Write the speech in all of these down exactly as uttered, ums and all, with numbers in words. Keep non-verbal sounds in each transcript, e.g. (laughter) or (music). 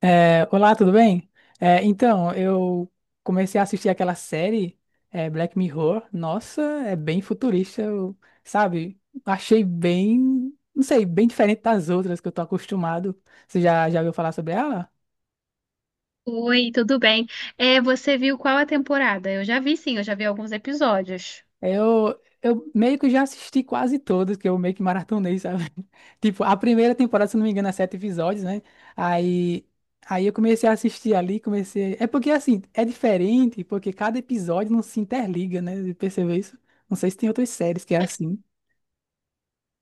É, olá, tudo bem? É, então, eu comecei a assistir aquela série, é, Black Mirror. Nossa, é bem futurista, eu- sabe? Achei bem, não sei, bem diferente das outras que eu tô acostumado. Você já, já ouviu falar sobre ela? Oi, tudo bem? É, você viu qual a temporada? Eu já vi, sim, eu já vi alguns episódios. Eu, eu meio que já assisti quase todas, que eu meio que maratonei, sabe? (laughs) Tipo, a primeira temporada, se não me engano, é sete episódios, né? Aí, aí eu comecei a assistir ali, comecei. É porque assim, é diferente, porque cada episódio não se interliga, né? Você percebeu isso? Não sei se tem outras séries que é assim.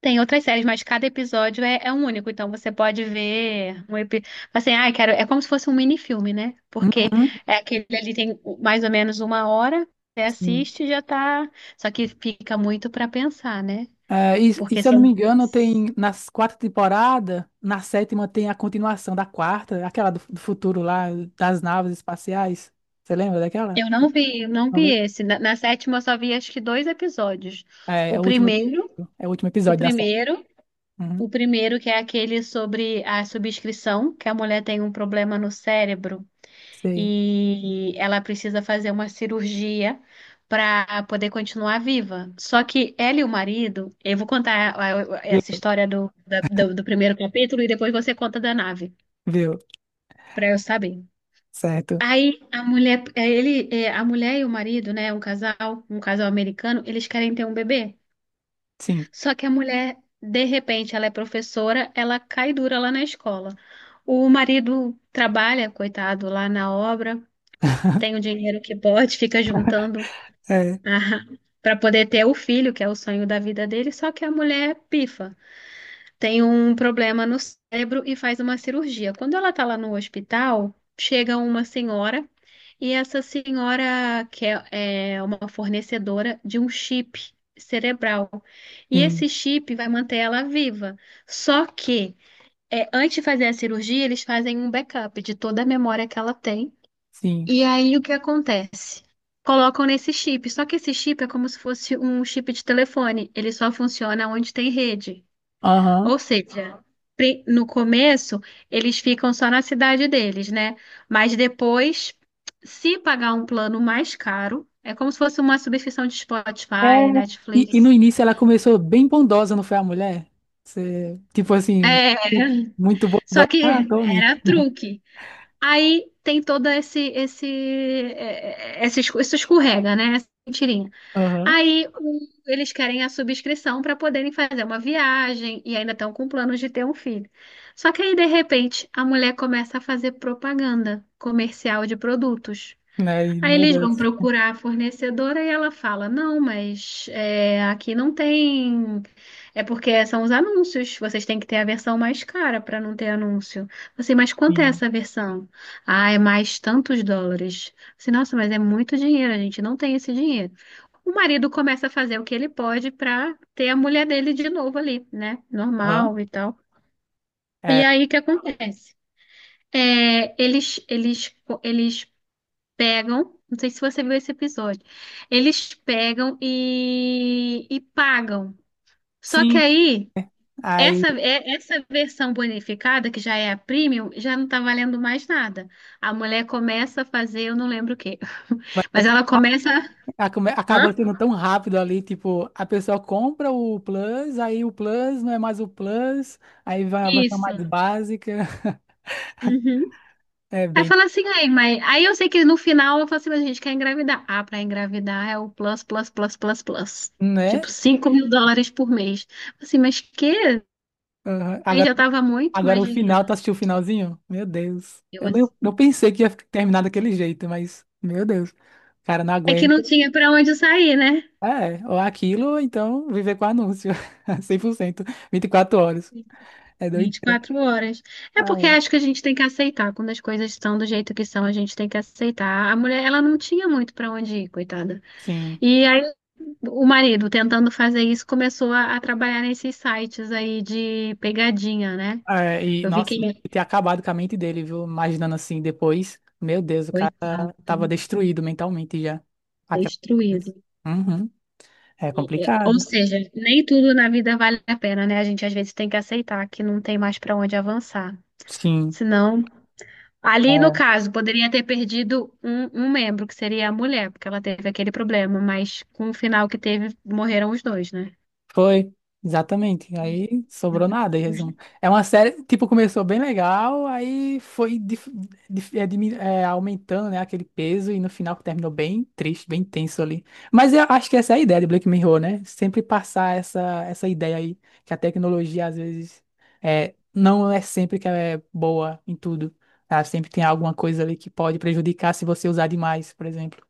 Tem outras séries, mas cada episódio é, é um único, então você pode ver um episódio. Assim, ah, quero. É como se fosse um minifilme, né? Porque Uhum, é aquele ali tem mais ou menos uma hora, você sim. assiste e já tá. Só que fica muito pra pensar, né? É, e, e Porque se eu não me são. engano, tem nas quatro temporadas, na sétima tem a continuação da quarta, aquela do, do futuro lá, das naves espaciais. Você lembra daquela? Eu não vi, eu não vi esse. Na, na sétima eu só vi acho que dois episódios. É, é O o último episódio. primeiro, É o último o episódio da série. primeiro. Uhum, O primeiro, que é aquele sobre a subscrição, que a mulher tem um problema no cérebro sei. e ela precisa fazer uma cirurgia para poder continuar viva. Só que ela e o marido, eu vou contar a- a- essa Viu? história do, da- do, do primeiro capítulo e depois você conta da nave, Viu? para eu saber. Certo. Aí a mulher, eh, ele, eh, a mulher e o marido, né, um casal, um casal americano, eles querem ter um bebê. Sim. Só que a mulher, de repente, ela é professora, ela cai dura lá na escola. O marido trabalha, coitado, lá na obra, tem o (laughs) dinheiro que pode, fica juntando É, (laughs) para poder ter o filho, que é o sonho da vida dele, só que a mulher pifa tem um problema no cérebro e faz uma cirurgia. Quando ela está lá no hospital, chega uma senhora e essa senhora quer, é é uma fornecedora de um chip cerebral. E sim, esse chip vai manter ela viva. Só que é, antes de fazer a cirurgia, eles fazem um backup de toda a memória que ela tem. sim. E aí o que acontece? Colocam nesse chip, só que esse chip é como se fosse um chip de telefone, ele só funciona onde tem rede. Aham. Ou seja, pri- no começo eles ficam só na cidade deles, né? Mas depois, se pagar um plano mais caro, é como se fosse uma subscrição de É. Spotify, E, e no Netflix. início ela começou bem bondosa, não foi a mulher? Você, tipo assim, É, muito só bondosa. Ah, que tome. era truque. Aí tem todo esse esse é, é, esse escu- isso escorrega, né? Essa mentirinha. Aham. Aí o- eles querem a subscrição para poderem fazer uma viagem e ainda estão com planos de ter um filho. Só que aí, de repente, a mulher começa a fazer propaganda comercial de produtos. Aí, Aí meu eles Deus. vão procurar a fornecedora e ela fala: Não, mas é, aqui não tem. É porque são os anúncios, vocês têm que ter a versão mais cara para não ter anúncio. Você, mas quanto é Sim. essa versão? Ah, é mais tantos dólares. Você, nossa, mas é muito dinheiro, a gente não tem esse dinheiro. O marido começa a fazer o que ele pode para ter a mulher dele de novo ali, né? Aham. Normal e tal. É, E aí o que acontece? É, eles, eles, eles pegam, não sei se você viu esse episódio, eles pegam e, e pagam. Só que sim. aí, Aí, essa, é- essa versão bonificada, que já é a premium, já não tá valendo mais nada. A mulher começa a fazer, eu não lembro o quê, (laughs) mas ela começa. ah, come- Hã? acaba sendo tão rápido ali, tipo, a pessoa compra o Plus, aí o Plus não é mais o Plus, aí vai a versão Isso. mais básica. (laughs) Uhum. É Aí bem, fala assim, aí, mas aí eu sei que no final eu falo assim, mas a gente quer engravidar. Ah, pra engravidar é o plus, plus, plus, plus, plus. né? Tipo, Tipo, cinco mil dólares por mês. Assim, mas que? aham. Aí Agora, já tava muito, agora o imagina. final, tu assistiu o finalzinho? Meu Deus. Eu Eu nem, assim. não pensei que ia fi- terminar daquele jeito, mas, meu Deus. Cara, não É que não aguento. tinha pra onde sair, né? É, ou aquilo, ou então viver com anúncio. (laughs) Cem por cento vinte e quatro horas. É Vinte e doideira. quatro horas. É Ah, porque acho é. que a gente tem que aceitar. Quando as coisas estão do jeito que são, a gente tem que aceitar. A mulher, ela não tinha muito pra onde ir, coitada. Sim. E aí, o marido, tentando fazer isso, começou a, a trabalhar nesses sites aí de pegadinha, né? É, e, Eu vi que nossa, ele, deve ter é acabado com a mente dele, viu? Imaginando assim depois. Meu Deus, o cara coitado, tava destruído mentalmente já. Aquela coisa. destruído. Uhum. É Ou complicado. seja, nem tudo na vida vale a pena, né? A gente às vezes tem que aceitar que não tem mais pra onde avançar. Sim. Senão, ali no É. caso, poderia ter perdido um, um membro, que seria a mulher, porque ela teve aquele problema, mas com o final que teve, morreram os dois, né? Foi, exatamente. Aí sobrou nada, em Os- resumo. É uma série, tipo, começou bem legal, aí foi dif- dif- é, dimin- é, aumentando, né, aquele peso, e no final terminou bem triste, bem tenso ali. Mas eu acho que essa é a ideia de Black Mirror, né? Sempre passar essa, essa ideia aí, que a tecnologia, às vezes, é, não é sempre que ela é boa em tudo. Ela sempre tem alguma coisa ali que pode prejudicar se você usar demais, por exemplo.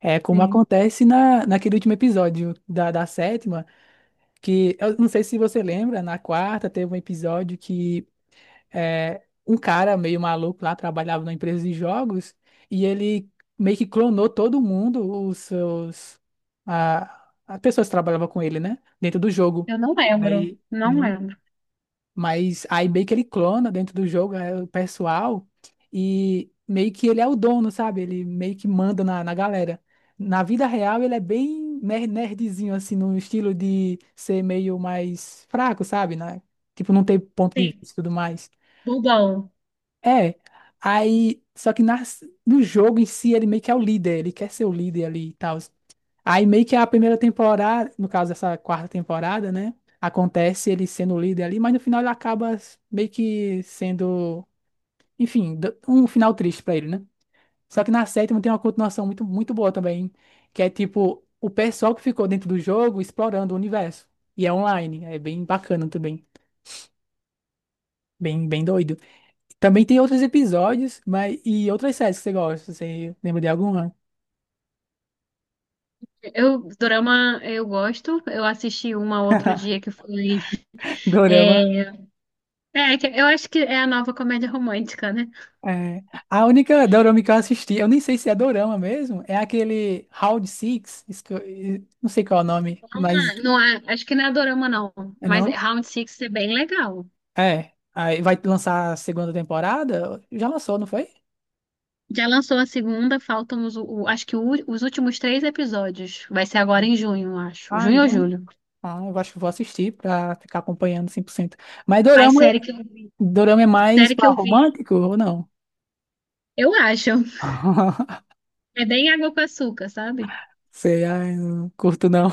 É como Sim, acontece na, naquele último episódio da, da sétima, que eu não sei se você lembra, na quarta teve um episódio que é, um cara meio maluco lá trabalhava numa empresa de jogos e ele meio que clonou todo mundo, os seus a, as pessoas que trabalhavam com ele, né, dentro do jogo. eu não lembro, Aí não no- lembro. mas aí meio que ele clona dentro do jogo é, o pessoal e meio que ele é o dono, sabe? Ele meio que manda na, na galera. Na vida real, ele é bem ner- nerdzinho, assim, no estilo de ser meio mais fraco, sabe? Né? Tipo, não ter ponto de Sim. vista e tudo mais. Bobão. É, aí, só que nas, no jogo em si, ele meio que é o líder, ele quer ser o líder ali e tal. Aí meio que a primeira temporada, no caso dessa quarta temporada, né? Acontece ele sendo o líder ali, mas no final ele acaba meio que sendo, enfim, d- um final triste pra ele, né? Só que na sétima tem uma continuação muito, muito boa também, que é tipo o pessoal que ficou dentro do jogo explorando o universo. E é online, é bem bacana também, bem, bem doido. Também tem outros episódios, mas e outras séries que você gosta, você lembra de alguma? Eu, dorama, eu gosto. Eu assisti uma outro dia que foi. (laughs) Dorama. É, é, que eu acho que é a nova comédia romântica, né? É. A única dorama que eu assisti, eu nem sei se é dorama mesmo, é aquele Round Six, isso que eu- não sei qual é o nome, mas Ah, não, é- acho que não é dorama, não. é Mas não? Round Six é bem legal. É. Aí vai lançar a segunda temporada? Já lançou, não foi? Já lançou a segunda, faltam os, o- acho que o ú- os últimos três episódios. Vai ser agora em junho, acho. Ah, Junho ou em julho. Ah, eu acho que vou assistir pra ficar acompanhando cem por cento. Mas Mas dorama, é, série que eu vi. dorama é mais Série que pra eu vi. romântico ou não? Eu acho. (laughs) É bem água com açúcar, sabe? Sei, ai, não curto não.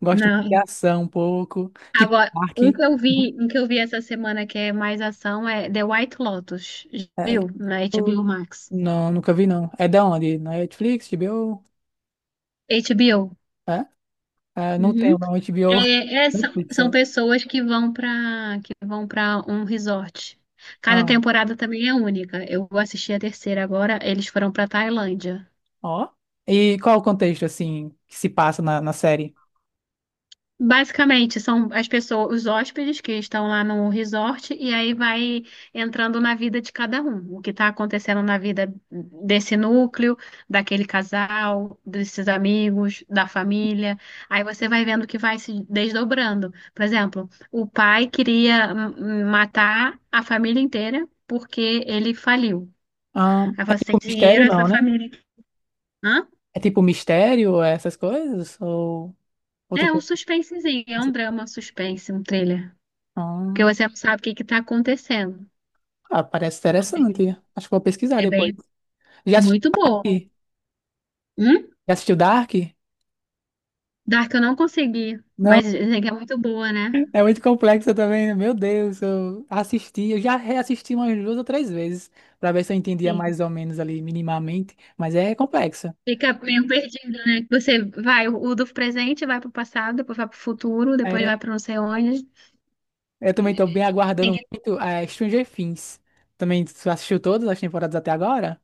Gosto de Não. ação um pouco, tipo Agora, Park. um que eu vi, um que eu vi essa semana que é mais ação é The White Lotus. Já É, viu? Na H B O Max. não, nunca vi não. É da onde? Na Netflix, H B O? H B O. É? É, não Uhum. tenho não, H B O. É, é, (laughs) são, Netflix, são ó. pessoas que vão para que vão para um resort. Cada Ah, temporada também é única. Eu vou assistir a terceira agora. Eles foram para Tailândia. ó. E qual o contexto, assim, que se passa na, na série? Basicamente, são as pessoas, os hóspedes que estão lá no resort, e aí vai entrando na vida de cada um, o que está acontecendo na vida desse núcleo, daquele casal, desses amigos, da família. Aí você vai vendo que vai se desdobrando. Por exemplo, o pai queria hum, matar a família inteira porque ele faliu. Ah, Aí você o tem mistério dinheiro, essa não, né? família. Hã? É tipo mistério, é essas coisas? Ou outro É um tipo? suspensezinho, é um drama suspense, um thriller. Porque Ah, você não sabe o que está acontecendo. ah, parece interessante. Acho que vou pesquisar É depois. bem Já assistiu muito boa. Dark? Hum? Já assistiu Dark? Dark eu não consegui, Né? mas dizem que é muito boa, né? É muito complexa também, né? Meu Deus, eu assisti, eu já reassisti umas duas ou três vezes para ver se eu entendia Sim. mais ou menos ali minimamente, mas é complexa. Fica meio (laughs) perdido, né? Que você vai, o do presente vai pro passado, depois vai pro futuro, depois É, vai pra não sei onde. eu também tô bem Tem aguardando que- muito a Stranger Things. Também tu assistiu todas as temporadas até agora?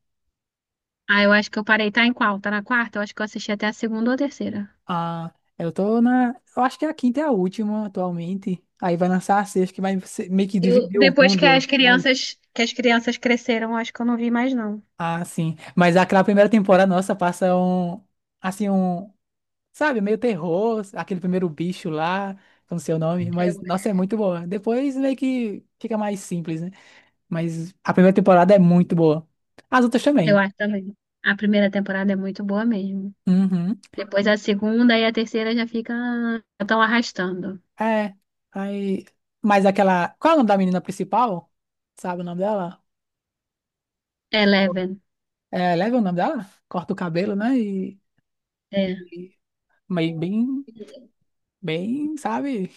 Ah, eu acho que eu parei, tá em qual? Tá na quarta? Eu acho que eu assisti até a segunda ou a terceira. Ah, eu tô na, eu acho que a quinta é a última atualmente. Aí vai lançar a sexta que vai ser- meio que Eu, dividir o depois que as mundo. Vai. crianças, que as crianças cresceram, eu acho que eu não vi mais, não. Ah, sim. Mas aquela primeira temporada, nossa, passa um, assim, um, sabe, meio terror, aquele primeiro bicho lá, que eu não sei o nome, mas Eu, nossa, é muito boa. Depois meio que fica mais simples, né? Mas a primeira temporada é muito boa. As outras eu também. acho também. A primeira temporada é muito boa mesmo. Uhum. Depois a segunda e a terceira já fica, já estão arrastando. É. Aí, mas aquela. Qual é o nome da menina principal? Sabe o nome dela? Eleven. É, leva o nome dela? Corta o cabelo, né? E, É. e meio bem, bem, sabe?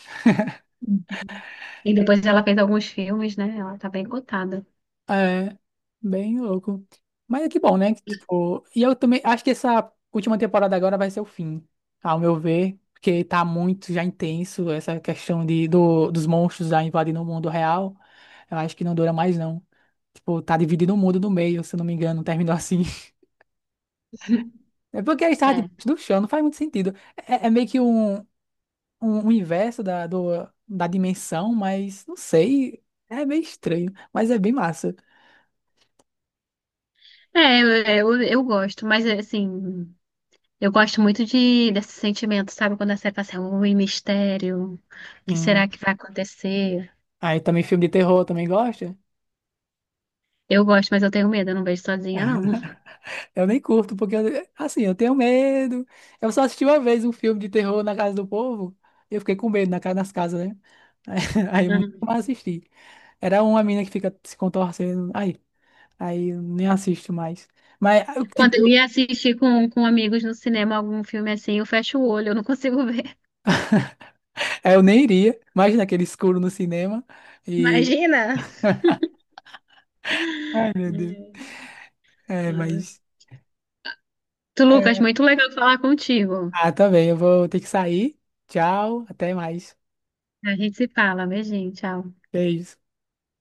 E depois ela fez alguns filmes, né? Ela tá bem cotada. É, bem louco. Mas é que bom, né? Que, tipo, e eu também acho que essa última temporada agora vai ser o fim, ao meu ver, porque tá muito já intenso essa questão de, do, dos monstros já invadindo o mundo real. Eu acho que não dura mais, não. Tipo, tá dividindo o mundo no meio, se eu não me engano, terminou assim. (laughs) É porque eles estavam É, debaixo do chão, não faz muito sentido. É, é meio que um, um universo da, do, da dimensão, mas não sei. É meio estranho, mas é bem massa. é eu, eu, eu gosto, mas assim, eu gosto muito de, desse sentimento, sabe? Quando a série passa, assim, ui, mistério, o que Sim. será que vai acontecer? Aí também filme de terror também gosta? Eu gosto, mas eu tenho medo, eu não vejo sozinha, não. Eu nem curto, porque eu- assim, eu tenho medo. Eu só assisti uma vez um filme de terror na casa do povo e eu fiquei com medo na, casa nas casas, né? Aí, (laughs) aí eu nunca Uhum. mais assisti. Era uma mina que fica se contorcendo. Aí, aí eu nem assisto mais. Mas, ah, eu, Quando eu tipo, ia assistir com, com amigos no cinema algum filme assim, eu fecho o olho, eu não consigo ver. (laughs) é, eu nem iria. Imagina aquele escuro no cinema. E. Imagina! Ai, meu Deus. Hum, É, ai. mas. Tu, Lucas, muito legal falar contigo. Ah, também. Eu vou ter que sair. Tchau. Até mais. A gente se fala, beijinho, tchau. Beijo.